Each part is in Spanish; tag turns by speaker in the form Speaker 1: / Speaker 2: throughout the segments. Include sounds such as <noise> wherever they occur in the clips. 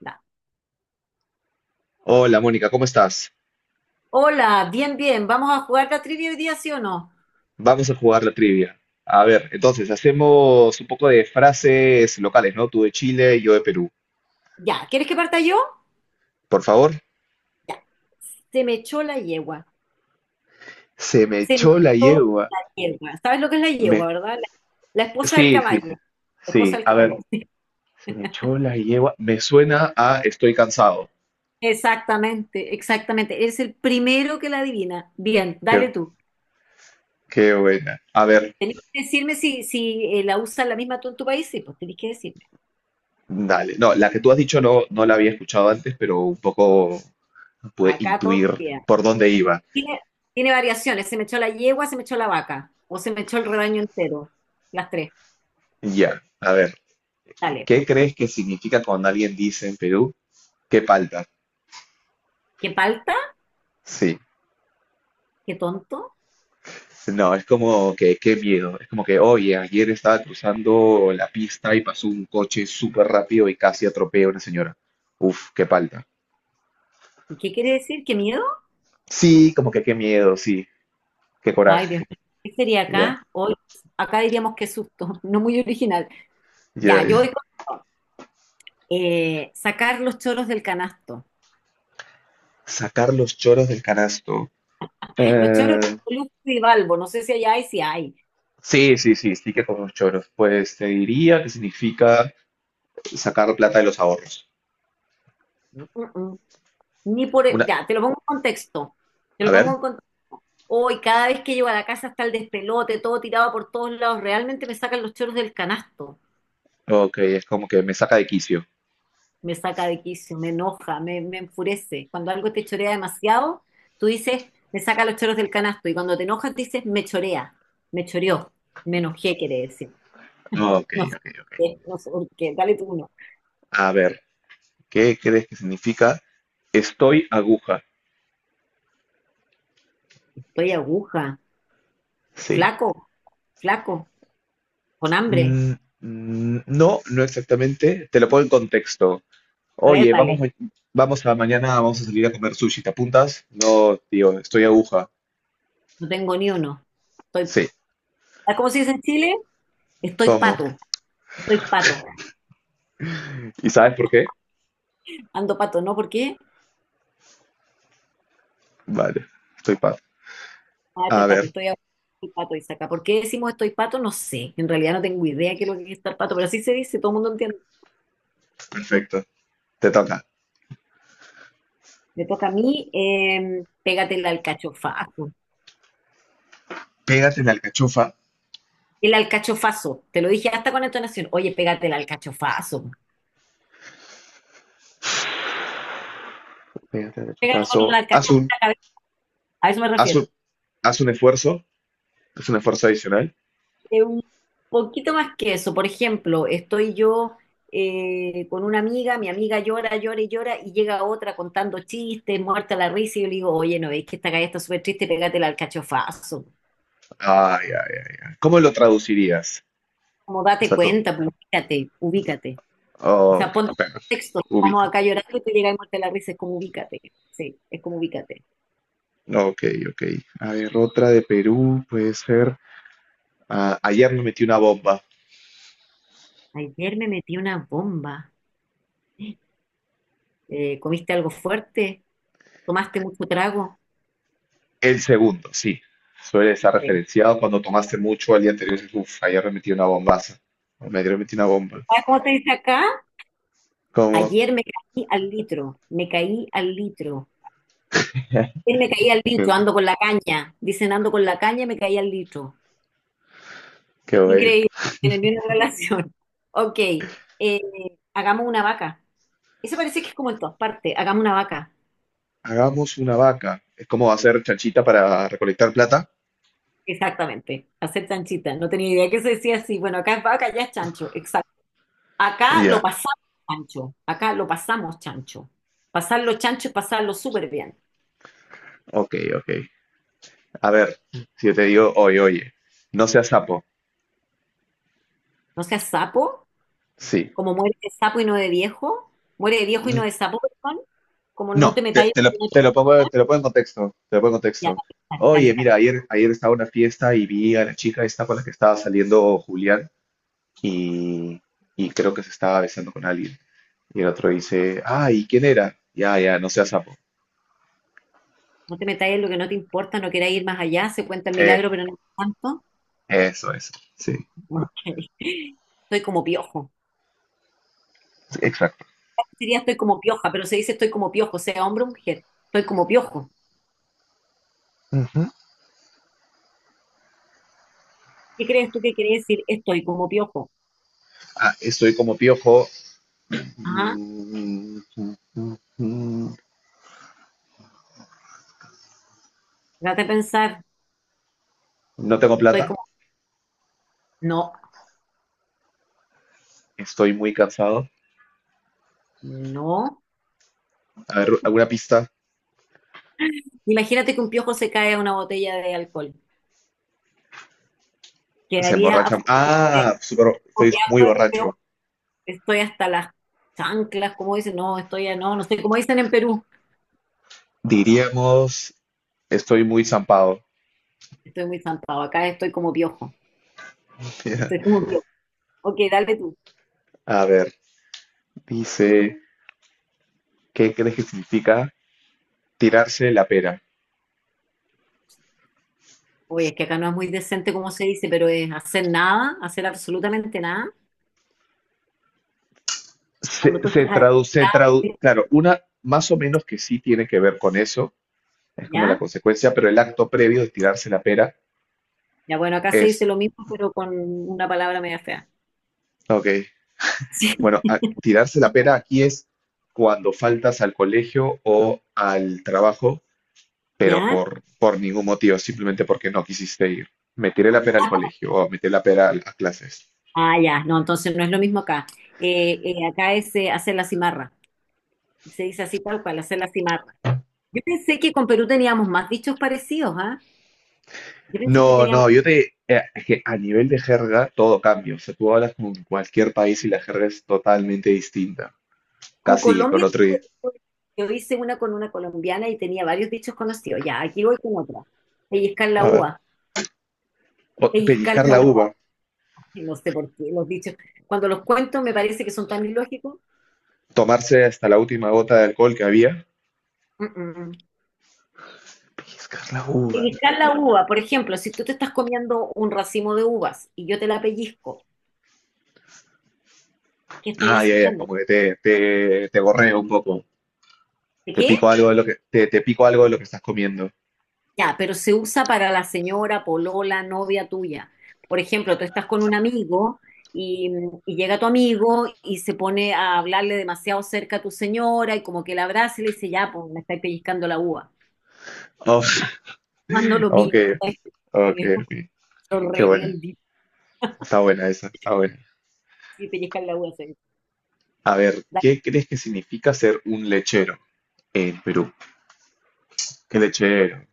Speaker 1: Ya.
Speaker 2: Hola Mónica, ¿cómo estás?
Speaker 1: Hola, bien, bien. ¿Vamos a jugar la trivia hoy día, sí o no?
Speaker 2: Vamos a jugar la trivia. A ver, entonces hacemos un poco de frases locales, ¿no? Tú de Chile, yo de Perú.
Speaker 1: Ya, ¿quieres que parta yo?
Speaker 2: Por favor.
Speaker 1: Ya. Se me echó la yegua.
Speaker 2: Se me
Speaker 1: Se me
Speaker 2: echó la
Speaker 1: echó
Speaker 2: yegua.
Speaker 1: la yegua. ¿Sabes lo que es la yegua,
Speaker 2: Me...
Speaker 1: verdad? La esposa del
Speaker 2: Sí, sí,
Speaker 1: caballo. La esposa
Speaker 2: sí.
Speaker 1: del
Speaker 2: A
Speaker 1: caballo.
Speaker 2: ver,
Speaker 1: <laughs>
Speaker 2: se me echó la yegua. Me suena a estoy cansado.
Speaker 1: Exactamente, exactamente. Eres el primero que la adivina. Bien,
Speaker 2: Qué,
Speaker 1: dale tú.
Speaker 2: qué buena. A ver,
Speaker 1: Tenés que decirme si la usas la misma tú en tu país. Sí, pues tenés que decirme.
Speaker 2: dale. No, la que tú has dicho no, no la había escuchado antes, pero un poco pude
Speaker 1: Acá todos
Speaker 2: intuir
Speaker 1: los días.
Speaker 2: por dónde iba.
Speaker 1: Tiene, tiene variaciones. Se me echó la yegua, se me echó la vaca. O se me echó el rebaño entero. Las tres.
Speaker 2: Ya, a ver,
Speaker 1: Dale.
Speaker 2: ¿qué crees que significa cuando alguien dice en Perú? ¿Qué palta?
Speaker 1: ¿Qué palta?
Speaker 2: Sí,
Speaker 1: ¿Qué tonto?
Speaker 2: no, es como que qué miedo. Es como que, oye, ayer estaba cruzando la pista y pasó un coche súper rápido y casi atropella a una señora. Uf, qué palta.
Speaker 1: ¿Y qué quiere decir? ¿Qué miedo?
Speaker 2: Sí, como que qué miedo, sí, qué
Speaker 1: Ay, Dios
Speaker 2: coraje.
Speaker 1: mío. ¿Qué sería
Speaker 2: Ya,
Speaker 1: acá? Hoy, acá diríamos qué susto, <laughs> no muy original.
Speaker 2: ya,
Speaker 1: Ya, yo
Speaker 2: ya.
Speaker 1: voy con sacar los choros del canasto.
Speaker 2: Sacar los choros del canasto.
Speaker 1: Los choros
Speaker 2: Eh,
Speaker 1: de Luz y Balbo, no sé si allá hay, si hay.
Speaker 2: sí, sí, sí, sí que con los choros. Pues te diría que significa sacar plata de los ahorros.
Speaker 1: Mm, mm, mm. Ni por, e,
Speaker 2: Una,
Speaker 1: ya, te lo pongo en contexto. Te
Speaker 2: a
Speaker 1: lo pongo
Speaker 2: ver,
Speaker 1: en contexto. Hoy, cada vez que llego a la casa está el despelote, todo tirado por todos lados. Realmente me sacan los choros del canasto.
Speaker 2: ok, es como que me saca de quicio.
Speaker 1: Me saca de quicio, me enoja, me enfurece. Cuando algo te chorea demasiado, tú dices, me saca los choros del canasto. Y cuando te enojas, dices, me chorea, me choreó, me enojé, quiere decir. <laughs>
Speaker 2: Ok,
Speaker 1: No sé
Speaker 2: ok,
Speaker 1: por
Speaker 2: ok.
Speaker 1: qué, no sé por qué. Dale tú uno.
Speaker 2: A ver. ¿Qué crees que significa? Estoy aguja.
Speaker 1: Estoy aguja,
Speaker 2: Sí.
Speaker 1: flaco, flaco, con hambre.
Speaker 2: Mm, no, no exactamente. Te lo pongo en contexto.
Speaker 1: A ver,
Speaker 2: Oye, vamos,
Speaker 1: dale,
Speaker 2: ma- vamos a mañana, vamos a salir a comer sushi. ¿Te apuntas? No, tío, estoy aguja.
Speaker 1: no tengo ni uno. Estoy,
Speaker 2: Sí.
Speaker 1: ¿cómo se dice en Chile? Estoy
Speaker 2: ¿Cómo?
Speaker 1: pato, estoy pato.
Speaker 2: ¿Y sabes por qué?
Speaker 1: Ando pato, ¿no? ¿Por qué?
Speaker 2: Vale, estoy paz.
Speaker 1: Ah, estoy
Speaker 2: A
Speaker 1: pato,
Speaker 2: ver,
Speaker 1: estoy ahogado, estoy pato, Isaca. ¿Por qué decimos estoy pato? No sé. En realidad no tengo idea qué es lo que es estar pato, pero así se dice, todo el mundo entiende.
Speaker 2: perfecto. Te toca.
Speaker 1: Me toca a mí, pégate el alcachofazo.
Speaker 2: Pégate en la alcachofa.
Speaker 1: El alcachofazo, te lo dije hasta con entonación. Oye, pégate el alcachofazo.
Speaker 2: Pégate en el
Speaker 1: Pégate con un
Speaker 2: alcachofazo.
Speaker 1: alcachofazo en la cabeza. A eso me
Speaker 2: Haz un,
Speaker 1: refiero.
Speaker 2: haz un esfuerzo. Haz un esfuerzo adicional.
Speaker 1: Un poquito más que eso. Por ejemplo, estoy yo con una amiga, mi amiga llora, llora y llora, y llega otra contando chistes, muerta la risa, y yo le digo, oye, ¿no veis que esta calle está súper triste? Pégate el alcachofazo.
Speaker 2: Ay, ay, ay, ay. ¿Cómo lo traducirías?
Speaker 1: Como
Speaker 2: O
Speaker 1: date
Speaker 2: sea,
Speaker 1: cuenta, pero ubícate, ubícate. O
Speaker 2: oh,
Speaker 1: sea,
Speaker 2: ok,
Speaker 1: ponte en
Speaker 2: bueno,
Speaker 1: contexto. Estamos
Speaker 2: ubica.
Speaker 1: acá llorando y te llega y muerte la risa. Es como ubícate. Sí, es como ubícate.
Speaker 2: Ok, ok. A ver, otra de Perú puede ser. Ah, ayer me metí una bomba.
Speaker 1: Ayer me metí una bomba. ¿Comiste algo fuerte? ¿Tomaste mucho trago?
Speaker 2: El segundo, sí. Suele estar
Speaker 1: Sí.
Speaker 2: referenciado cuando tomaste mucho al día anterior. Dices, uf, ayer me metí una bombaza. O me ayer metí una bomba.
Speaker 1: ¿Sabes cómo te dice acá?
Speaker 2: Como,
Speaker 1: Ayer me caí al litro. Me caí al litro. Ayer me caí al
Speaker 2: <laughs>
Speaker 1: litro.
Speaker 2: qué,
Speaker 1: Ando con la caña. Dicen ando con la caña, me caí al litro.
Speaker 2: qué bueno.
Speaker 1: Increíble. No tiene ni una relación. <laughs> Ok, hagamos una vaca. Eso parece que es como en todas partes. Hagamos una vaca.
Speaker 2: Hagamos una vaca. Es como hacer chanchita para recolectar plata.
Speaker 1: Exactamente. Hacer chanchita. No tenía idea que se decía así. Bueno, acá es vaca, ya es chancho. Exacto. Acá lo
Speaker 2: Ya,
Speaker 1: pasamos chancho. Acá lo pasamos chancho. Pasarlo chancho es pasarlo súper bien.
Speaker 2: ok, ok. A ver, si yo te digo, oye, no seas sapo.
Speaker 1: No seas sapo,
Speaker 2: Sí.
Speaker 1: como muere de sapo y no de viejo. Muere de viejo y no
Speaker 2: Mm.
Speaker 1: de sapo, perdón. Como no
Speaker 2: No,
Speaker 1: te metáis en lo que no te
Speaker 2: te lo pongo en
Speaker 1: ya,
Speaker 2: contexto. Oye,
Speaker 1: dale,
Speaker 2: mira,
Speaker 1: dale.
Speaker 2: ayer estaba en una fiesta y vi a la chica esta con la que estaba saliendo Julián y, y creo que se estaba besando con alguien. Y el otro dice, ay, ¿quién era? Ya, ya, no seas sapo.
Speaker 1: No te metáis en lo que no te importa, no queráis ir más allá. Se cuenta el
Speaker 2: Eh,
Speaker 1: milagro, pero no tanto.
Speaker 2: eso, eso, sí,
Speaker 1: <laughs> Ok. Estoy como piojo.
Speaker 2: exacto.
Speaker 1: Sería estoy como pioja, pero se dice estoy como piojo, sea hombre o mujer, estoy como piojo.
Speaker 2: Ujú.
Speaker 1: ¿Qué crees tú que quiere decir estoy como piojo?
Speaker 2: Ah, estoy como piojo.
Speaker 1: Ajá,
Speaker 2: Mm, mm, mm, mm.
Speaker 1: trata de pensar,
Speaker 2: No tengo
Speaker 1: estoy
Speaker 2: plata.
Speaker 1: como... No,
Speaker 2: Estoy muy cansado.
Speaker 1: no.
Speaker 2: A ver, alguna pista.
Speaker 1: Imagínate que un piojo se cae a una botella de alcohol.
Speaker 2: Se
Speaker 1: Quedaría
Speaker 2: emborracha.
Speaker 1: absolutamente
Speaker 2: Ah, súper, estoy
Speaker 1: copiado,
Speaker 2: muy
Speaker 1: pero
Speaker 2: borracho.
Speaker 1: estoy hasta las chanclas, como dicen, no, estoy a- no, no sé, como dicen en Perú.
Speaker 2: Diríamos, estoy muy zampado.
Speaker 1: Estoy muy zampado, acá estoy como piojo.
Speaker 2: <laughs>
Speaker 1: Estoy como piojo. Ok, dale tú.
Speaker 2: A ver, dice, ¿qué crees que significa tirarse la pera?
Speaker 1: Oye, es que acá no es muy decente como se dice, pero es hacer nada, hacer absolutamente nada.
Speaker 2: Se,
Speaker 1: Cuando tú
Speaker 2: se
Speaker 1: estás
Speaker 2: traduce,
Speaker 1: ahí,
Speaker 2: claro, una más o menos que sí tiene que ver con eso, es como la
Speaker 1: ¿ya?
Speaker 2: consecuencia, pero el acto previo de tirarse la pera
Speaker 1: Ya, bueno, acá se dice
Speaker 2: es,
Speaker 1: lo mismo, pero con una palabra media fea.
Speaker 2: ok,
Speaker 1: Sí.
Speaker 2: bueno, tirarse la pera aquí es cuando faltas al colegio o al trabajo, pero
Speaker 1: ¿Ya?
Speaker 2: por ningún motivo, simplemente porque no quisiste ir. Me tiré la pera al colegio o me tiré la pera a clases.
Speaker 1: Ah, ya, no, entonces no es lo mismo acá. Acá es hacer la cimarra. Se dice así tal cual, hacer la cimarra. Yo pensé que con Perú teníamos más dichos parecidos, ¿ah? Yo pensé que
Speaker 2: No,
Speaker 1: teníamos
Speaker 2: no, es que a nivel de jerga todo cambia. O sea, tú hablas con cualquier país y la jerga es totalmente distinta.
Speaker 1: con
Speaker 2: Casi que con
Speaker 1: Colombia.
Speaker 2: otro.
Speaker 1: Yo hice una con una colombiana y tenía varios dichos conocidos. Ya, aquí voy con otra. Pellizcar la
Speaker 2: A ver,
Speaker 1: uva, pellizcar
Speaker 2: pellizcar
Speaker 1: la
Speaker 2: la
Speaker 1: uva.
Speaker 2: uva,
Speaker 1: No sé por qué los dichos. Cuando los cuento me parece que son tan ilógicos.
Speaker 2: tomarse hasta la última gota de alcohol que había.
Speaker 1: Mm, mm, mm.
Speaker 2: Pellizcar la uva.
Speaker 1: Pellizcar la uva, por ejemplo, si tú te estás comiendo un racimo de uvas y yo te la pellizco, ¿qué estoy
Speaker 2: Ah, ya, ya,
Speaker 1: haciendo?
Speaker 2: como que te gorreo un poco.
Speaker 1: ¿De
Speaker 2: Te pico
Speaker 1: qué?
Speaker 2: algo de lo que, te, te pico algo de lo que estás comiendo.
Speaker 1: Ya, pero se usa para la señora, polola, novia tuya. Por ejemplo, tú estás con un amigo y, y llega tu amigo y se pone a hablarle demasiado cerca a tu señora y como que la abraza y le dice, ya, pues me estáis pellizcando la uva.
Speaker 2: Oh,
Speaker 1: Cuando
Speaker 2: <laughs>
Speaker 1: lo
Speaker 2: ok,
Speaker 1: mío, ¿sabes?
Speaker 2: ok, ok.
Speaker 1: <laughs> Es
Speaker 2: Qué
Speaker 1: horrible
Speaker 2: buena.
Speaker 1: el día
Speaker 2: Está buena esa, está buena.
Speaker 1: de pellizcar la uva, ¿sabes?
Speaker 2: A ver,
Speaker 1: Da-
Speaker 2: ¿qué crees que significa ser un lechero? En Perú. Qué lechero.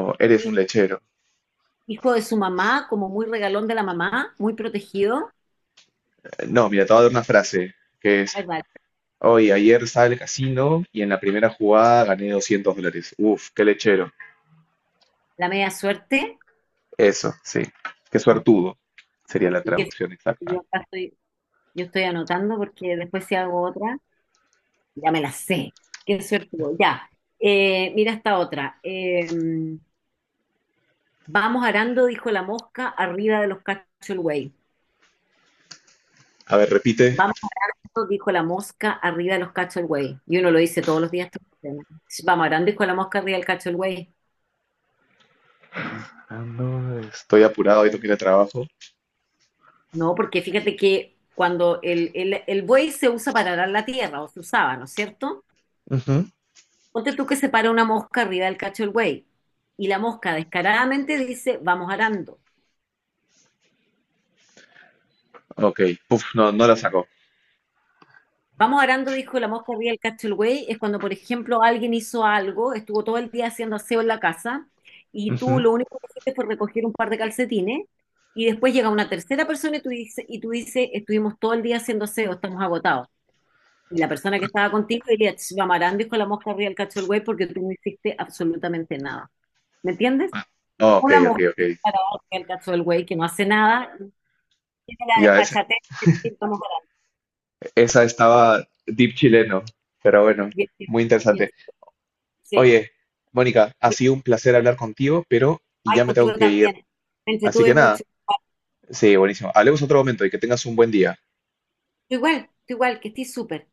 Speaker 2: O eres un lechero.
Speaker 1: hijo de su mamá, como muy regalón de la mamá, muy protegido.
Speaker 2: No, mira, te voy a dar una frase que es,
Speaker 1: Ay, vale.
Speaker 2: hoy, ayer estaba en el casino y en la primera jugada gané $200. Uf, qué lechero.
Speaker 1: La media suerte.
Speaker 2: Eso, sí. Qué
Speaker 1: Ajá.
Speaker 2: suertudo sería la
Speaker 1: Y que
Speaker 2: traducción exacta.
Speaker 1: yo acá estoy, yo estoy anotando porque después si hago otra, ya me la sé. Qué suerte. Voy. Ya. Mira esta otra. Vamos arando, dijo la mosca, arriba de los cachos el güey.
Speaker 2: A ver, repite.
Speaker 1: Vamos arando, dijo la mosca, arriba de los cachos el güey. Y uno lo dice todos los días, todos los días, ¿no? Vamos arando, dijo la mosca, arriba del cacho el güey.
Speaker 2: Ah, no, estoy apurado, hoy tengo que ir al trabajo.
Speaker 1: No, porque fíjate que cuando el buey se usa para arar la tierra, o se usaba, ¿no es cierto?
Speaker 2: Ujú.
Speaker 1: Ponte tú que se para una mosca arriba del cacho del buey y la mosca descaradamente dice, vamos arando.
Speaker 2: Ok, puf, no, no la sacó.
Speaker 1: Vamos arando, dijo la mosca arriba del cacho del buey, es cuando, por ejemplo, alguien hizo algo, estuvo todo el día haciendo aseo en la casa y tú
Speaker 2: Ujú.
Speaker 1: lo único que hiciste fue recoger un par de calcetines y después llega una tercera persona y tú dices, estuvimos todo el día haciendo aseo, estamos agotados. Y la persona que estaba contigo diría, "Ch, vamos arando, dijo la mosca arriba del cacho del buey", porque tú no hiciste absolutamente nada. ¿Me entiendes?
Speaker 2: Ah,
Speaker 1: O
Speaker 2: ok,
Speaker 1: la
Speaker 2: ok,
Speaker 1: mosca
Speaker 2: ok.
Speaker 1: que está parada arriba del cacho del buey que no hace nada tiene la
Speaker 2: Ya,
Speaker 1: desfachatez de decir, vamos a dar.
Speaker 2: esa estaba deep chileno, pero bueno,
Speaker 1: Bien, bien,
Speaker 2: muy
Speaker 1: bien,
Speaker 2: interesante.
Speaker 1: sí,
Speaker 2: Oye, Mónica, ha
Speaker 1: bien.
Speaker 2: sido un placer hablar contigo, pero ya
Speaker 1: Ay,
Speaker 2: me tengo
Speaker 1: contigo
Speaker 2: que ir.
Speaker 1: también. Me
Speaker 2: Así que
Speaker 1: entretuve
Speaker 2: nada,
Speaker 1: mucho.
Speaker 2: sí, buenísimo. Hablemos otro momento y que tengas un buen día.
Speaker 1: Tú igual, que estoy súper.